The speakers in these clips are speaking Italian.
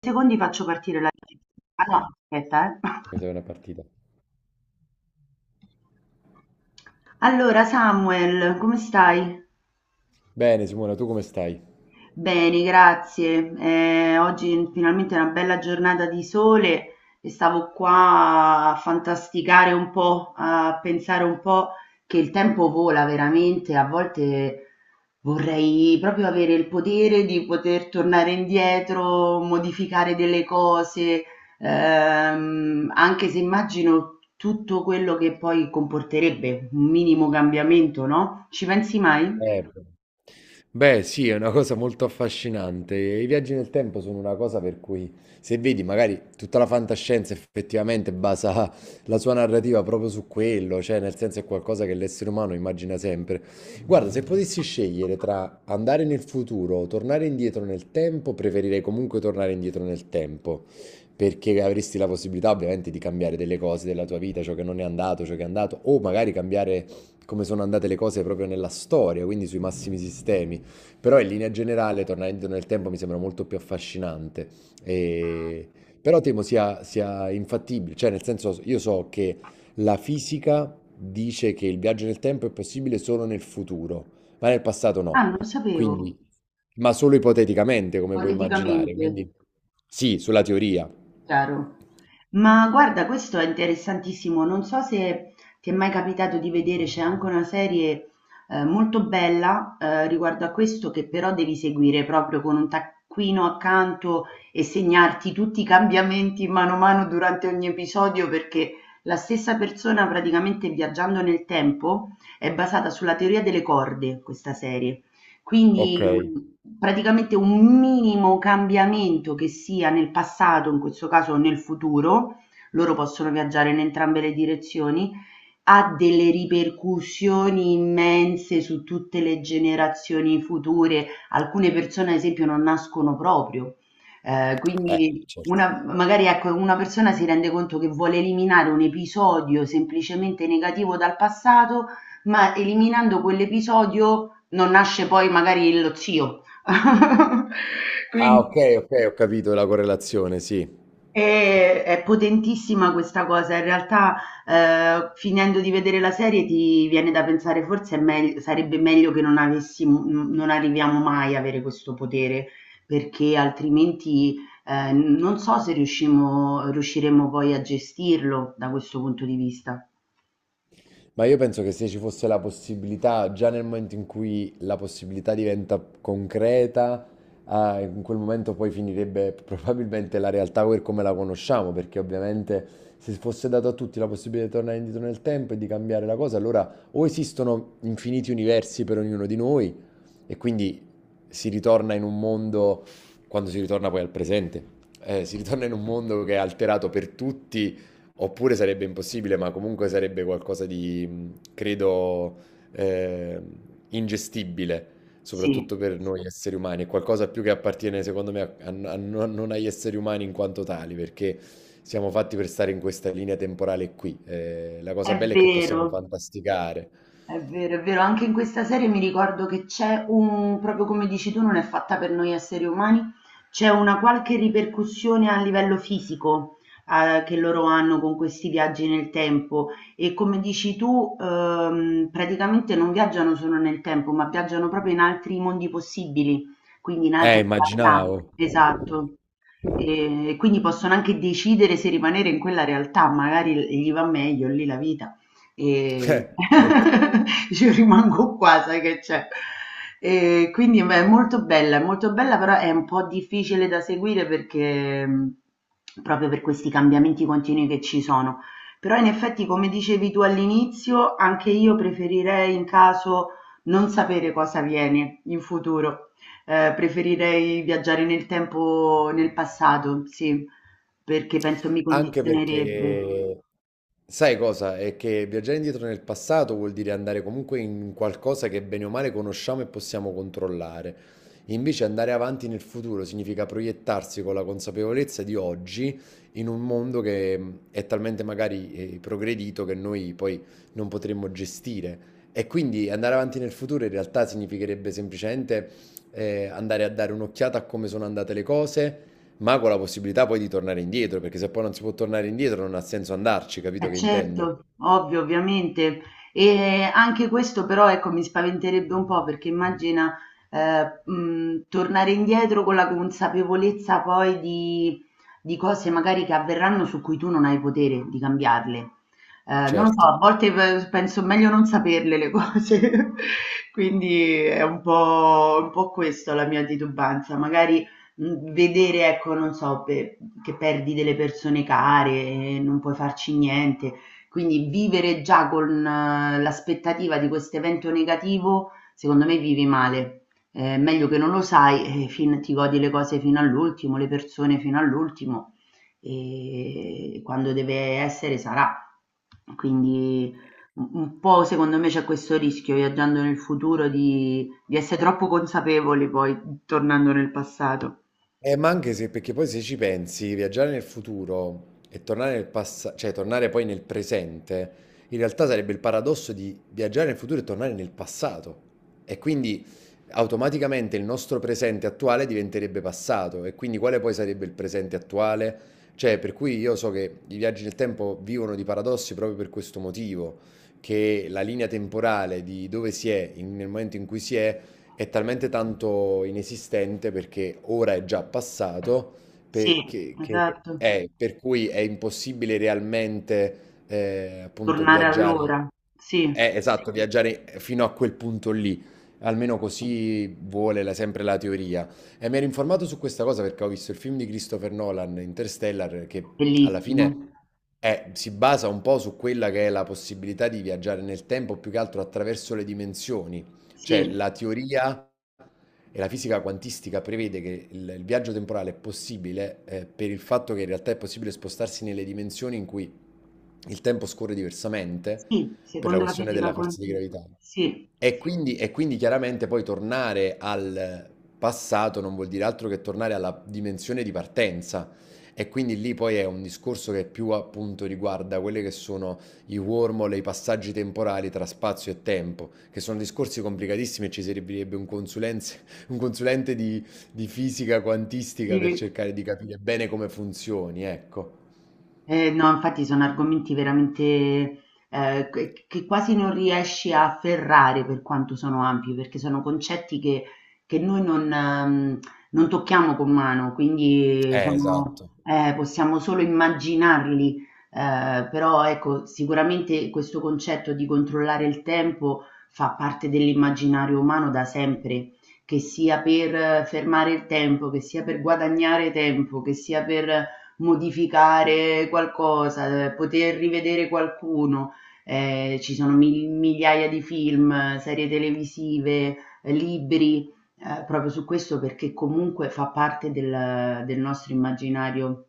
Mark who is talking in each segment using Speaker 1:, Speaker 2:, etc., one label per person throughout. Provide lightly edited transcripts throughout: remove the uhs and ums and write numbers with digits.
Speaker 1: Secondi faccio partire la... Ah no, aspetta,
Speaker 2: Mi serve una partita.
Speaker 1: Allora, Samuel, come stai?
Speaker 2: Bene, Simona, tu come stai?
Speaker 1: Bene, grazie. Oggi finalmente è una bella giornata di sole e stavo qua a fantasticare un po', a pensare un po' che il tempo vola veramente. A volte vorrei proprio avere il potere di poter tornare indietro, modificare delle cose, anche se immagino tutto quello che poi comporterebbe un minimo cambiamento, no? Ci pensi mai?
Speaker 2: Bene. Beh, sì, è una cosa molto affascinante. I viaggi nel tempo sono una cosa per cui, se vedi, magari tutta la fantascienza effettivamente basa la sua narrativa proprio su quello, cioè nel senso è qualcosa che l'essere umano immagina sempre. Guarda, se potessi scegliere tra andare nel futuro o tornare indietro nel tempo, preferirei comunque tornare indietro nel tempo, perché avresti la possibilità ovviamente di cambiare delle cose della tua vita, ciò che non è andato, ciò che è andato, o magari cambiare come sono andate le cose proprio nella storia, quindi sui massimi sistemi. Però in linea generale, tornare indietro nel tempo mi sembra molto più affascinante. E- Però temo sia infattibile, cioè nel senso io so che la fisica dice che il viaggio nel tempo è possibile solo nel futuro, ma nel passato no.
Speaker 1: Ah, non lo sapevo.
Speaker 2: Quindi, ma solo ipoteticamente, come puoi immaginare.
Speaker 1: Politicamente,
Speaker 2: Quindi sì, sulla teoria.
Speaker 1: chiaro. Ma guarda, questo è interessantissimo. Non so se ti è mai capitato di vedere, c'è anche una serie molto bella riguardo a questo, che però devi seguire proprio con un taccuino accanto e segnarti tutti i cambiamenti mano a mano durante ogni episodio, perché la stessa persona praticamente viaggiando nel tempo è basata sulla teoria delle corde, questa serie.
Speaker 2: Ok.
Speaker 1: Quindi, praticamente un minimo cambiamento, che sia nel passato, in questo caso, o nel futuro, loro possono viaggiare in entrambe le direzioni, ha delle ripercussioni immense su tutte le generazioni future. Alcune persone, ad esempio, non nascono proprio. Quindi
Speaker 2: Certo.
Speaker 1: una magari ecco, una persona si rende conto che vuole eliminare un episodio semplicemente negativo dal passato, ma eliminando quell'episodio non nasce poi magari lo zio.
Speaker 2: Ah,
Speaker 1: Quindi
Speaker 2: ok, ok, ho capito la correlazione, sì.
Speaker 1: è potentissima questa cosa. In realtà, finendo di vedere la serie ti viene da pensare forse è megl sarebbe meglio che non avessimo n non arriviamo mai a avere questo potere, perché altrimenti, non so se riuscimo riusciremo poi a gestirlo da questo punto di vista.
Speaker 2: Ma io penso che se ci fosse la possibilità, già nel momento in cui la possibilità diventa concreta, ah, in quel momento poi finirebbe probabilmente la realtà per come la conosciamo, perché ovviamente se fosse dato a tutti la possibilità di tornare indietro nel tempo e di cambiare la cosa, allora o esistono infiniti universi per ognuno di noi e quindi si ritorna in un mondo, quando si ritorna poi al presente, si ritorna in un mondo che è alterato per tutti. Oppure sarebbe impossibile, ma comunque sarebbe qualcosa di, mhmm, credo, ehm, ingestibile,
Speaker 1: Sì,
Speaker 2: soprattutto per noi esseri umani. È qualcosa più che appartiene, secondo me, a non agli esseri umani in quanto tali, perché siamo fatti per stare in questa linea temporale qui. La cosa
Speaker 1: è
Speaker 2: bella è che possiamo
Speaker 1: vero.
Speaker 2: fantasticare.
Speaker 1: È vero, è vero, anche in questa serie mi ricordo che c'è un, proprio come dici tu, non è fatta per noi esseri umani, c'è una qualche ripercussione a livello fisico, che loro hanno con questi viaggi nel tempo e come dici tu, praticamente non viaggiano solo nel tempo, ma viaggiano proprio in altri mondi possibili, quindi in altre realtà.
Speaker 2: Immaginavo.
Speaker 1: Esatto. E quindi possono anche decidere se rimanere in quella realtà, magari gli va meglio lì la vita. E
Speaker 2: Certo.
Speaker 1: io rimango qua, sai che c'è. E quindi beh, è molto bella, però è un po' difficile da seguire perché proprio per questi cambiamenti continui che ci sono. Però in effetti, come dicevi tu all'inizio, anche io preferirei in caso non sapere cosa viene in futuro. Preferirei viaggiare nel tempo, nel passato, sì, perché penso mi
Speaker 2: Anche
Speaker 1: condizionerebbe.
Speaker 2: perché, sai cosa? È che viaggiare indietro nel passato vuol dire andare comunque in qualcosa che bene o male conosciamo e possiamo controllare. Invece andare avanti nel futuro significa proiettarsi con la consapevolezza di oggi in un mondo che è talmente magari progredito che noi poi non potremmo gestire. E quindi andare avanti nel futuro in realtà significherebbe semplicemente andare a dare un'occhiata a come sono andate le cose ma con la possibilità poi di tornare indietro, perché se poi non si può tornare indietro non ha senso andarci, capito
Speaker 1: Eh
Speaker 2: che intendo?
Speaker 1: certo, ovvio, ovviamente. E anche questo però ecco mi spaventerebbe un po' perché immagina tornare indietro con la consapevolezza poi di cose magari che avverranno su cui tu non hai potere di cambiarle. Non lo so,
Speaker 2: Certo.
Speaker 1: a volte penso meglio non saperle le cose, quindi è un po' questo la mia titubanza. Magari vedere ecco, non so, pe che perdi delle persone care, non puoi farci niente, quindi vivere già con l'aspettativa di quest'evento negativo, secondo me vivi male. Meglio che non lo sai e fin ti godi le cose fino all'ultimo, le persone fino all'ultimo e quando deve essere sarà. Quindi u un po' secondo me c'è questo rischio viaggiando nel futuro di essere troppo consapevoli poi, tornando nel passato.
Speaker 2: Ma anche se, perché poi se ci pensi, viaggiare nel futuro e tornare nel passato, cioè tornare poi nel presente, in realtà sarebbe il paradosso di viaggiare nel futuro e tornare nel passato. E quindi automaticamente il nostro presente attuale diventerebbe passato. E quindi quale poi sarebbe il presente attuale? Cioè, per cui io so che i viaggi nel tempo vivono di paradossi proprio per questo motivo, che la linea temporale di dove si è nel momento in cui si è talmente tanto inesistente perché ora è già passato,
Speaker 1: Sì,
Speaker 2: perché, che
Speaker 1: esatto.
Speaker 2: è, per cui è impossibile realmente appunto
Speaker 1: Tornare
Speaker 2: viaggiare,
Speaker 1: all'ora. Sì,
Speaker 2: esatto, viaggiare fino a quel punto lì, almeno così vuole sempre la teoria. E mi ero informato su questa cosa perché ho visto il film di Christopher Nolan, Interstellar, che alla
Speaker 1: bellissimo.
Speaker 2: fine si basa un po' su quella che è la possibilità di viaggiare nel tempo, più che altro attraverso le dimensioni. Cioè,
Speaker 1: Sì,
Speaker 2: la teoria e la fisica quantistica prevede che il viaggio temporale è possibile per il fatto che in realtà è possibile spostarsi nelle dimensioni in cui il tempo scorre diversamente
Speaker 1: sì,
Speaker 2: per la
Speaker 1: secondo la
Speaker 2: questione
Speaker 1: fisica
Speaker 2: della forza di
Speaker 1: quantistica.
Speaker 2: gravità.
Speaker 1: Sì,
Speaker 2: E quindi chiaramente poi tornare al passato non vuol dire altro che tornare alla dimensione di partenza. E quindi lì poi è un discorso che più appunto riguarda quelli che sono i wormhole, i passaggi temporali tra spazio e tempo, che sono discorsi complicatissimi e ci servirebbe un, un consulente di fisica quantistica per
Speaker 1: sì.
Speaker 2: cercare di capire bene come funzioni, ecco.
Speaker 1: No, infatti sono argomenti veramente che quasi non riesci a afferrare per quanto sono ampi, perché sono concetti che noi non, non tocchiamo con mano, quindi
Speaker 2: Esatto.
Speaker 1: sono, possiamo solo immaginarli. Però ecco, sicuramente questo concetto di controllare il tempo fa parte dell'immaginario umano da sempre, che sia per fermare il tempo, che sia per guadagnare tempo, che sia per modificare qualcosa, poter rivedere qualcuno. Ci sono migliaia di film, serie televisive, libri, proprio su questo perché comunque fa parte del, del nostro immaginario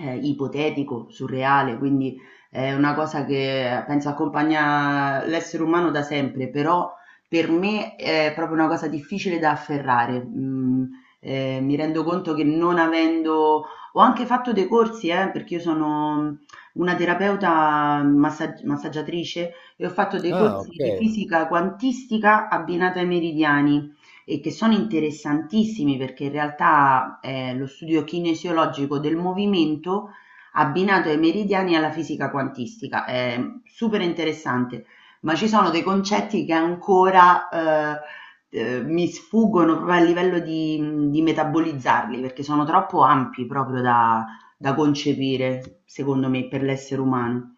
Speaker 1: ipotetico, surreale, quindi è una cosa che penso accompagna l'essere umano da sempre, però per me è proprio una cosa difficile da afferrare. Mi rendo conto che non avendo ho anche fatto dei corsi, perché io sono una terapeuta massaggiatrice e ho fatto dei
Speaker 2: Ah, ok.
Speaker 1: corsi di fisica quantistica abbinata ai meridiani e che sono interessantissimi perché in realtà è lo studio kinesiologico del movimento abbinato ai meridiani e alla fisica quantistica. È super interessante, ma ci sono dei concetti che ancora mi sfuggono proprio a livello di di metabolizzarli, perché sono troppo ampi proprio da da concepire, secondo me, per l'essere umano.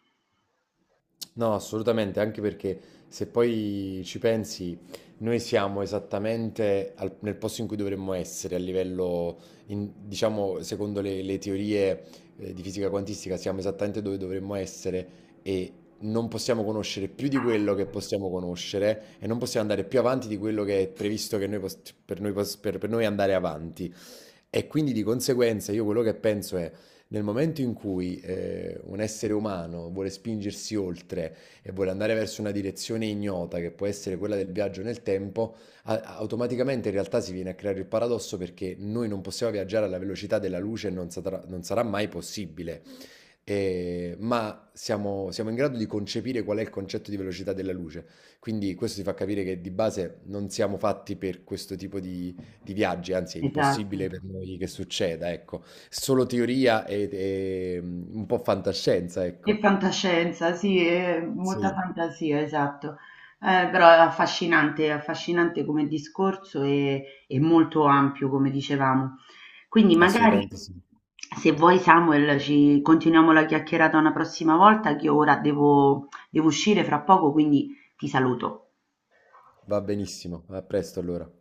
Speaker 2: No, assolutamente, anche perché se poi ci pensi, noi siamo esattamente nel posto in cui dovremmo essere a livello, in- diciamo, secondo le teorie di fisica quantistica, siamo esattamente dove dovremmo essere e non possiamo conoscere più di quello che possiamo conoscere e non possiamo andare più avanti di quello che è previsto che noi per noi, per noi andare avanti. E quindi di conseguenza io quello che penso è, nel momento in cui un essere umano vuole spingersi oltre e vuole andare verso una direzione ignota, che può essere quella del viaggio nel tempo, automaticamente in realtà si viene a creare il paradosso perché noi non possiamo viaggiare alla velocità della luce e non sarà mai possibile ma siamo, siamo in grado di concepire qual è il concetto di velocità della luce. Quindi questo ti fa capire che di base non siamo fatti per questo tipo di viaggi, anzi è
Speaker 1: Esatto.
Speaker 2: impossibile per noi che succeda, ecco. Solo teoria e, mm, un po' fantascienza,
Speaker 1: E
Speaker 2: ecco.
Speaker 1: fantascienza, sì, e molta
Speaker 2: Sì.
Speaker 1: fantasia, esatto. Però è affascinante come discorso e molto ampio, come dicevamo. Quindi magari,
Speaker 2: Assolutamente sì.
Speaker 1: se vuoi Samuel, ci continuiamo la chiacchierata una prossima volta, che io ora devo uscire fra poco, quindi ti saluto.
Speaker 2: Va benissimo, a presto allora.